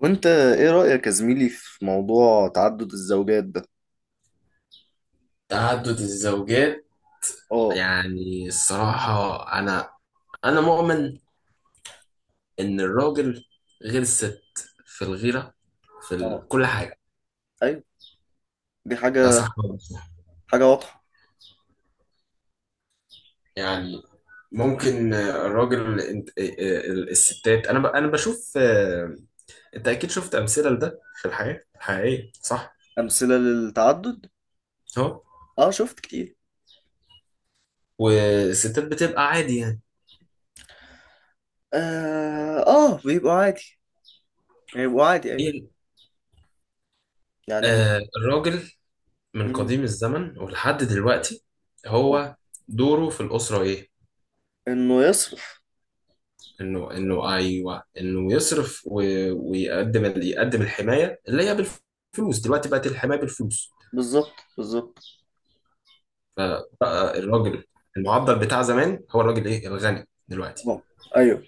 وانت ايه رأيك يا زميلي في موضوع تعدد الزوجات ده؟ تعدد الزوجات. اه. يعني الصراحة، أنا أنا مؤمن إن الراجل غير الست، في الغيرة، في اه، كل حاجة. ايوه. دي ده صح ولا مش صح؟ حاجة واضحة. يعني ممكن الراجل الستات، أنا بشوف أنت أكيد شفت أمثلة لده في الحياة الحقيقية، صح؟ أمثلة للتعدد. أهو. اه، شفت كتير. والستات بتبقى عادي يعني. اه، آه، بيبقوا عادي. بيبقوا عادي، ايوه. هي- يعني الراجل من م- قديم الزمن ولحد دلوقتي، آه. هو دوره في الأسرة إيه؟ انه يصرف. انه انه ايوه، انه يصرف يقدم الحمايه اللي هي بالفلوس. دلوقتي بقت الحمايه بالفلوس، بالظبط، بالظبط. فبقى الراجل المعضل بتاع زمان هو الراجل ايه الغني دلوقتي. اه، ايوه.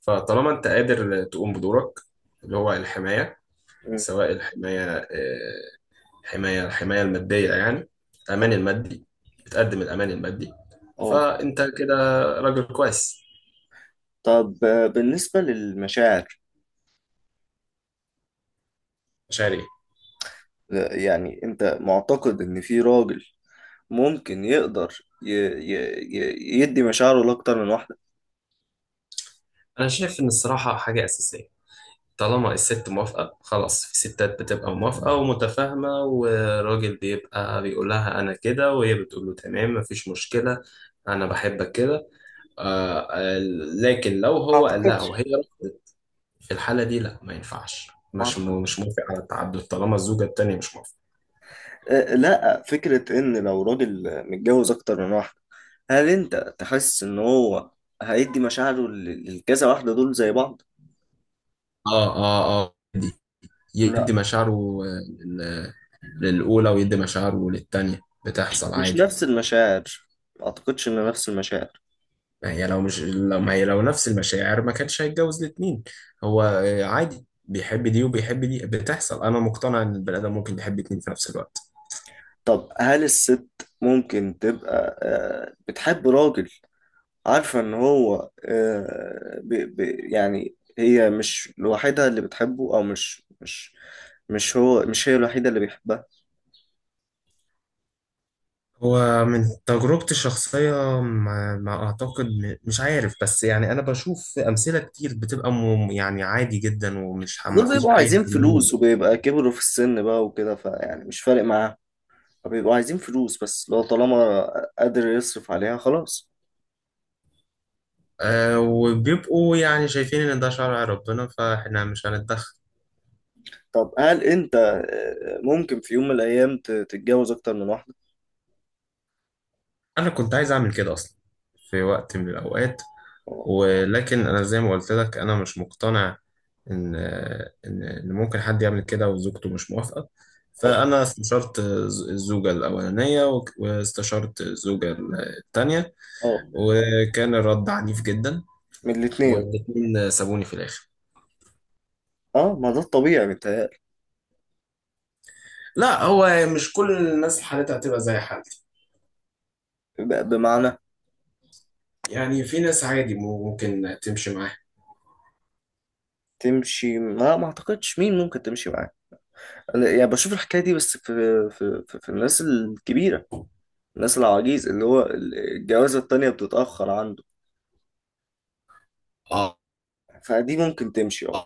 فطالما انت قادر تقوم بدورك اللي هو الحمايه، م- سواء الحمايه آه، حمايه الحمايه الماديه يعني، اه الامان المادي، بتقدم الامان المادي، آه. فانت كده راجل كويس. طب، بالنسبة للمشاعر. مش عارف. لا، يعني انت معتقد ان في راجل ممكن يقدر يدي مشاعره لأكتر من واحدة؟ انا شايف ان الصراحه حاجه اساسيه. طالما الست موافقة خلاص، في ستات بتبقى موافقة ومتفاهمة، والراجل بيبقى بيقول لها أنا كده، وهي بتقول له تمام مفيش مشكلة، أنا بحبك كده. آه آه، لكن لو هو قال أعتقد لها وهي رفضت، في الحالة دي لا، ما ينفعش، ما مش اعتقدش. موافق على التعدد طالما الزوجة التانية مش موافقة. لا، فكرة ان لو راجل متجوز اكتر من واحدة، هل انت تحس ان هو هيدي مشاعره للكذا واحدة دول زي بعض؟ اه اه اه، يدي لا، مشاعره، آه، لل- للأولى ويدي مشاعره للتانية، بتحصل مش عادي. نفس المشاعر. ما اعتقدش ان نفس المشاعر. ما هي لو نفس المشاعر ما كانش هيتجوز الاتنين. هو عادي، بيحب دي وبيحب دي، بتحصل. انا مقتنع ان البني ادم ممكن يحب اتنين في نفس الوقت. طب هل الست ممكن تبقى بتحب راجل عارفة ان هو يعني هي مش لوحدها اللي بتحبه، او مش مش مش هو مش هي الوحيدة اللي بيحبها. هو من تجربتي الشخصية، ما أعتقد، مش عارف، بس يعني أنا بشوف أمثلة كتير بتبقى يعني عادي جدا، ومش ما دول فيش بيبقوا أي عايزين حل منه. فلوس وبيبقى كبروا في السن بقى وكده، فيعني مش فارق معاهم. فبيبقوا عايزين فلوس بس، لو طالما قادر يصرف عليها خلاص. أه، وبيبقوا يعني شايفين إن ده شرع ربنا فإحنا مش هنتدخل. طب هل انت ممكن في يوم من الايام تتجوز اكتر من واحدة؟ انا كنت عايز اعمل كده اصلا في وقت من الاوقات، اه، ولكن انا زي ما قلت لك انا مش مقتنع ان ان إن ممكن حد يعمل كده وزوجته مش موافقة. اه، فانا استشرت الزوجة الاولانية واستشرت الزوجة التانية، اه. وكان الرد عنيف جدا، من الاتنين. والاتنين سابوني في الاخر. اه، ما ده الطبيعي متهيألي. لا، هو مش كل الناس حالتها هتبقى زي حالتي، بمعنى. يعني في ناس عادي ممكن تمشي معاها. تمشي؟ ما اعتقدش مين ممكن تمشي معاه. أنا يعني بشوف الحكاية دي بس في في الناس الكبيرة. الناس العواجيز اللي هو الجوازة التانية بتتأخر عنده، اه فدي ممكن تمشي، اه.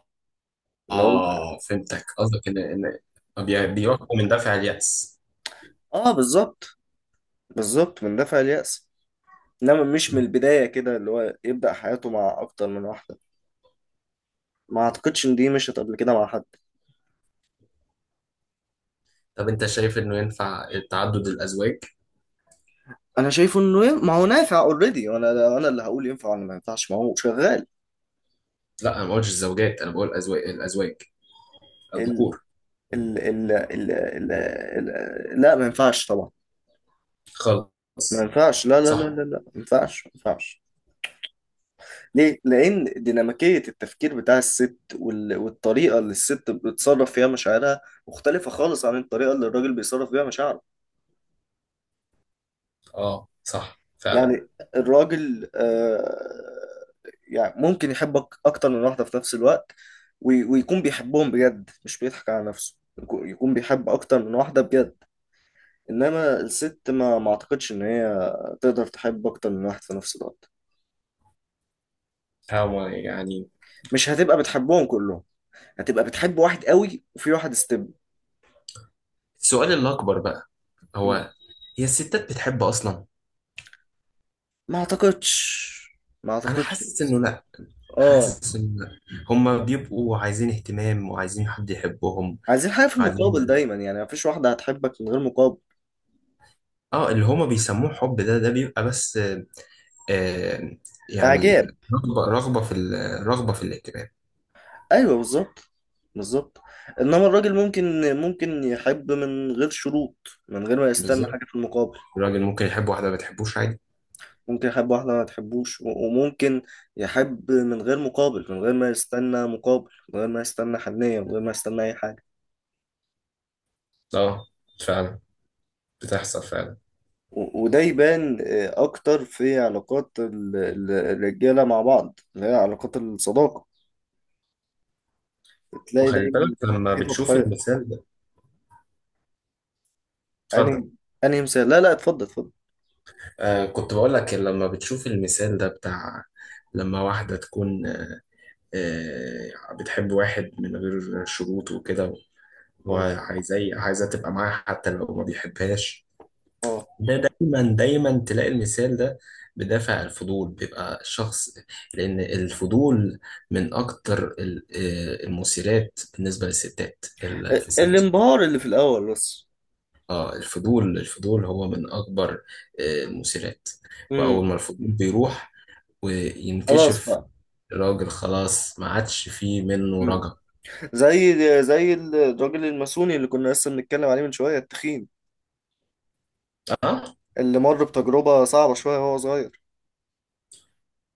ان هو. اه، فهمتك، قصدك ان ان بيحكم من دافع اليأس. اه، بالظبط. بالظبط من دافع اليأس. انما مش من البداية كده اللي هو يبدأ حياته مع اكتر من واحدة. ما اعتقدش ان دي مشت قبل كده مع حد. طب انت شايف انه ينفع تعدد الازواج؟ انا شايفه انه ما هو نافع اوريدي، وانا اللي هقول ينفع ولا ما ينفعش؟ ما هو شغال. لا، انا ما قلتش الزوجات، انا بقول ازواج، الازواج ال الذكور ال ال ال ال ال لا، ما ينفعش طبعا. ما خالص. ينفعش. لا، لا، لا، صح. لا، لا، ما ينفعش. ما ينفعش. ليه؟ لأن ديناميكية التفكير بتاع الست والطريقة اللي الست بتتصرف فيها مشاعرها مختلفة خالص عن الطريقة اللي الراجل بيصرف بيها مشاعره. اه صح فعلا. يعني الراجل، يعني ممكن يحبك اكتر من واحدة في نفس الوقت ويكون بيحبهم بجد، مش بيضحك على نفسه، يكون بيحب اكتر من واحدة بجد. انما الست ما اعتقدش ان هي تقدر تحب اكتر من واحد في نفس الوقت. هو يعني مش هتبقى بتحبهم كلهم، هتبقى بتحب واحد قوي وفي واحد استبن. السؤال الاكبر بقى، هو هي الستات بتحب اصلا؟ ما اعتقدش، ما انا اعتقدش. حاسس انه لا، اه. حاسس انه لا. هما بيبقوا عايزين اهتمام وعايزين حد يحبهم. عايزين حاجة في المقابل عايزين. دايما يعني، مفيش واحدة هتحبك من غير مقابل. اه، اللي هما بيسموه حب ده، بيبقى بس آه، يعني اعجاب. رغبة في الاهتمام. ايوه، بالظبط. بالظبط. انما الراجل ممكن يحب من غير شروط. من غير ما يستنى بالظبط. حاجه في المقابل. الراجل ممكن يحب واحدة ما بتحبوش عادي. ممكن يحب واحده ما تحبوش، وممكن يحب من غير مقابل، من غير ما يستنى مقابل، من غير ما يستنى حنيه، من غير ما يستنى اي حاجه. اه فعلا، بتحصل فعلا. وده يبان اكتر في علاقات الرجاله مع بعض اللي هي علاقات الصداقه. بتلاقي وخلي دايما بالك لما في بتشوف تضحيه. المثال ده. انهي اتفضل. انهي مثال؟ لا، لا، اتفضل، اتفضل. كنت بقول لك لما بتشوف المثال ده بتاع لما واحدة تكون بتحب واحد من غير شروط وكده، اه، وعايزاه عايزاه تبقى معاه حتى لو ما بيحبهاش. اه. ده دايما دايما تلاقي المثال ده. بدافع الفضول بيبقى الشخص، لأن الفضول من أكتر المثيرات بالنسبة للستات في سن صغير. الانبهار اللي في الاول بس. اه، الفضول هو من أكبر المثيرات. وأول امم. ما الفضول بيروح خلاص وينكشف، بقى. الراجل خلاص ما عادش فيه منه امم. رجا. زي زي الراجل الماسوني اللي كنا لسه بنتكلم عليه من شوية، التخين. اه. اللي مر بتجربة صعبة شوية وهو صغير.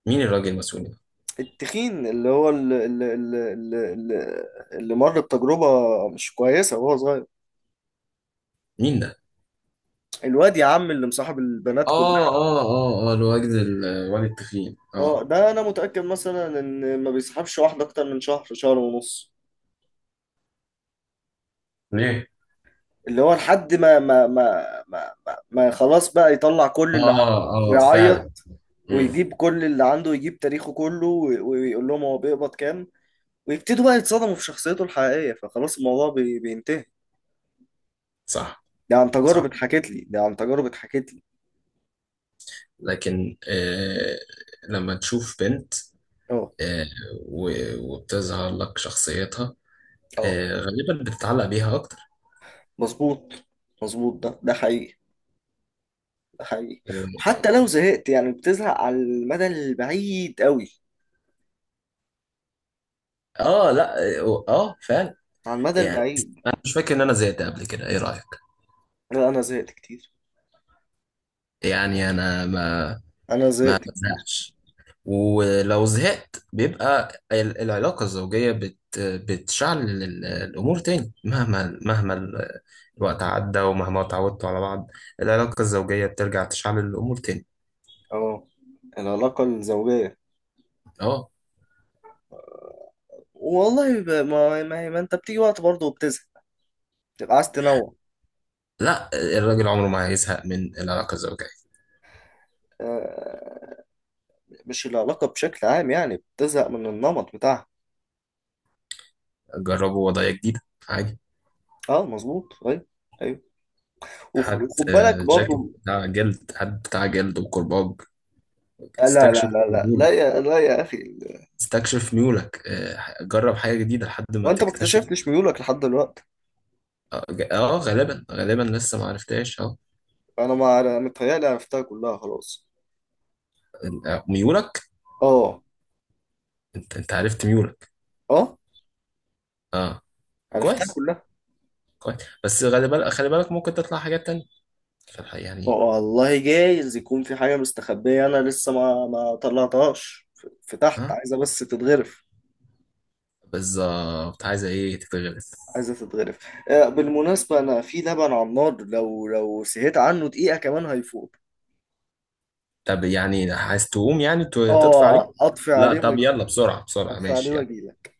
مين الراجل المسؤول ده؟ التخين اللي هو اللي, اللي مر بتجربة مش كويسة وهو صغير. مين ده؟ الواد يا عم اللي مصاحب البنات اه كلها. اه اه اه، الواد الواد التخين اه. اه، ده انا متأكد مثلا ان ما بيصاحبش واحدة اكتر من شهر، شهر ونص. ليه؟ اللي هو لحد ما خلاص بقى يطلع كل اللي عنده اه اه فعلا. ويعيط. مم. ويجيب كل اللي عنده ويجيب تاريخه كله، ويقول لهم هو بيقبض كام. ويبتدوا بقى يتصدموا في شخصيته الحقيقية، فخلاص الموضوع بينتهي. صح. ده عن تجارب صح، اتحكت لي، ده عن تجارب اتحكت لي. لكن لما تشوف بنت، اه، آه وبتظهر لك شخصيتها، اه، غالبا بتتعلق بيها اكتر. مظبوط، مظبوط. ده حقيقي، ده حقيقي. وحتى و- لو زهقت، يعني بتزهق على المدى البعيد قوي. اه لا اه، فعلا. على المدى يعني البعيد. انا مش فاكر ان انا زهقت قبل كده، ايه رايك؟ لا، انا زهقت كتير، يعني انا ما انا ما زهقت كتير. بزهقش، ولو زهقت بيبقى العلاقه الزوجيه بتشعل الامور تاني، مهما مهما الوقت عدى، ومهما اتعودتوا على بعض. العلاقه الزوجيه بترجع تشعل الامور تاني. اه. العلاقة الزوجية؟ اه والله، ما انت بتيجي وقت برضه وبتزهق. بتبقى عايز تنوع. لا، الراجل عمره ما هيزهق من العلاقة الزوجية. آه، مش العلاقة بشكل عام، يعني بتزهق من النمط بتاعها. جربوا وضعية جديدة عادي. اه، مظبوط، ايوه. ايوه. هات وخد بالك جاكيت برضه. بتاع جلد، هات بتاع جلد وكرباج. لا، لا، استكشف لا، لا، لا، ميولك. يا، لا يا اخي. استكشف ميولك. جرب حاجة جديدة لحد ما وانت ما تكتشف. اكتشفتش ميولك لحد دلوقتي؟ اه غالبا غالبا لسه ما عرفتهاش اه. انا ما متهيألي عرفتها كلها خلاص. ميولك. اه. انت عرفت ميولك. اه، اه. عرفتها كويس كلها. كويس. بس خلي بالك، خلي بالك، ممكن تطلع حاجات تانية في الحقيقة يعني. والله جايز يكون في حاجة مستخبية، أنا لسه ما طلعتهاش، في تحت، اه عايزة بس تتغرف. بالظبط، عايزة ايه تتغلب؟ عايزة تتغرف. بالمناسبة أنا في لبن على النار، لو سهيت عنه دقيقة كمان هيفوت. طب يعني عايز تقوم يعني تطفي عليك؟ اه، أطفي لا عليه طب يلا، وأجيلك. بسرعة بسرعة، أطفي عليه ماشي، يلا. وأجيلك.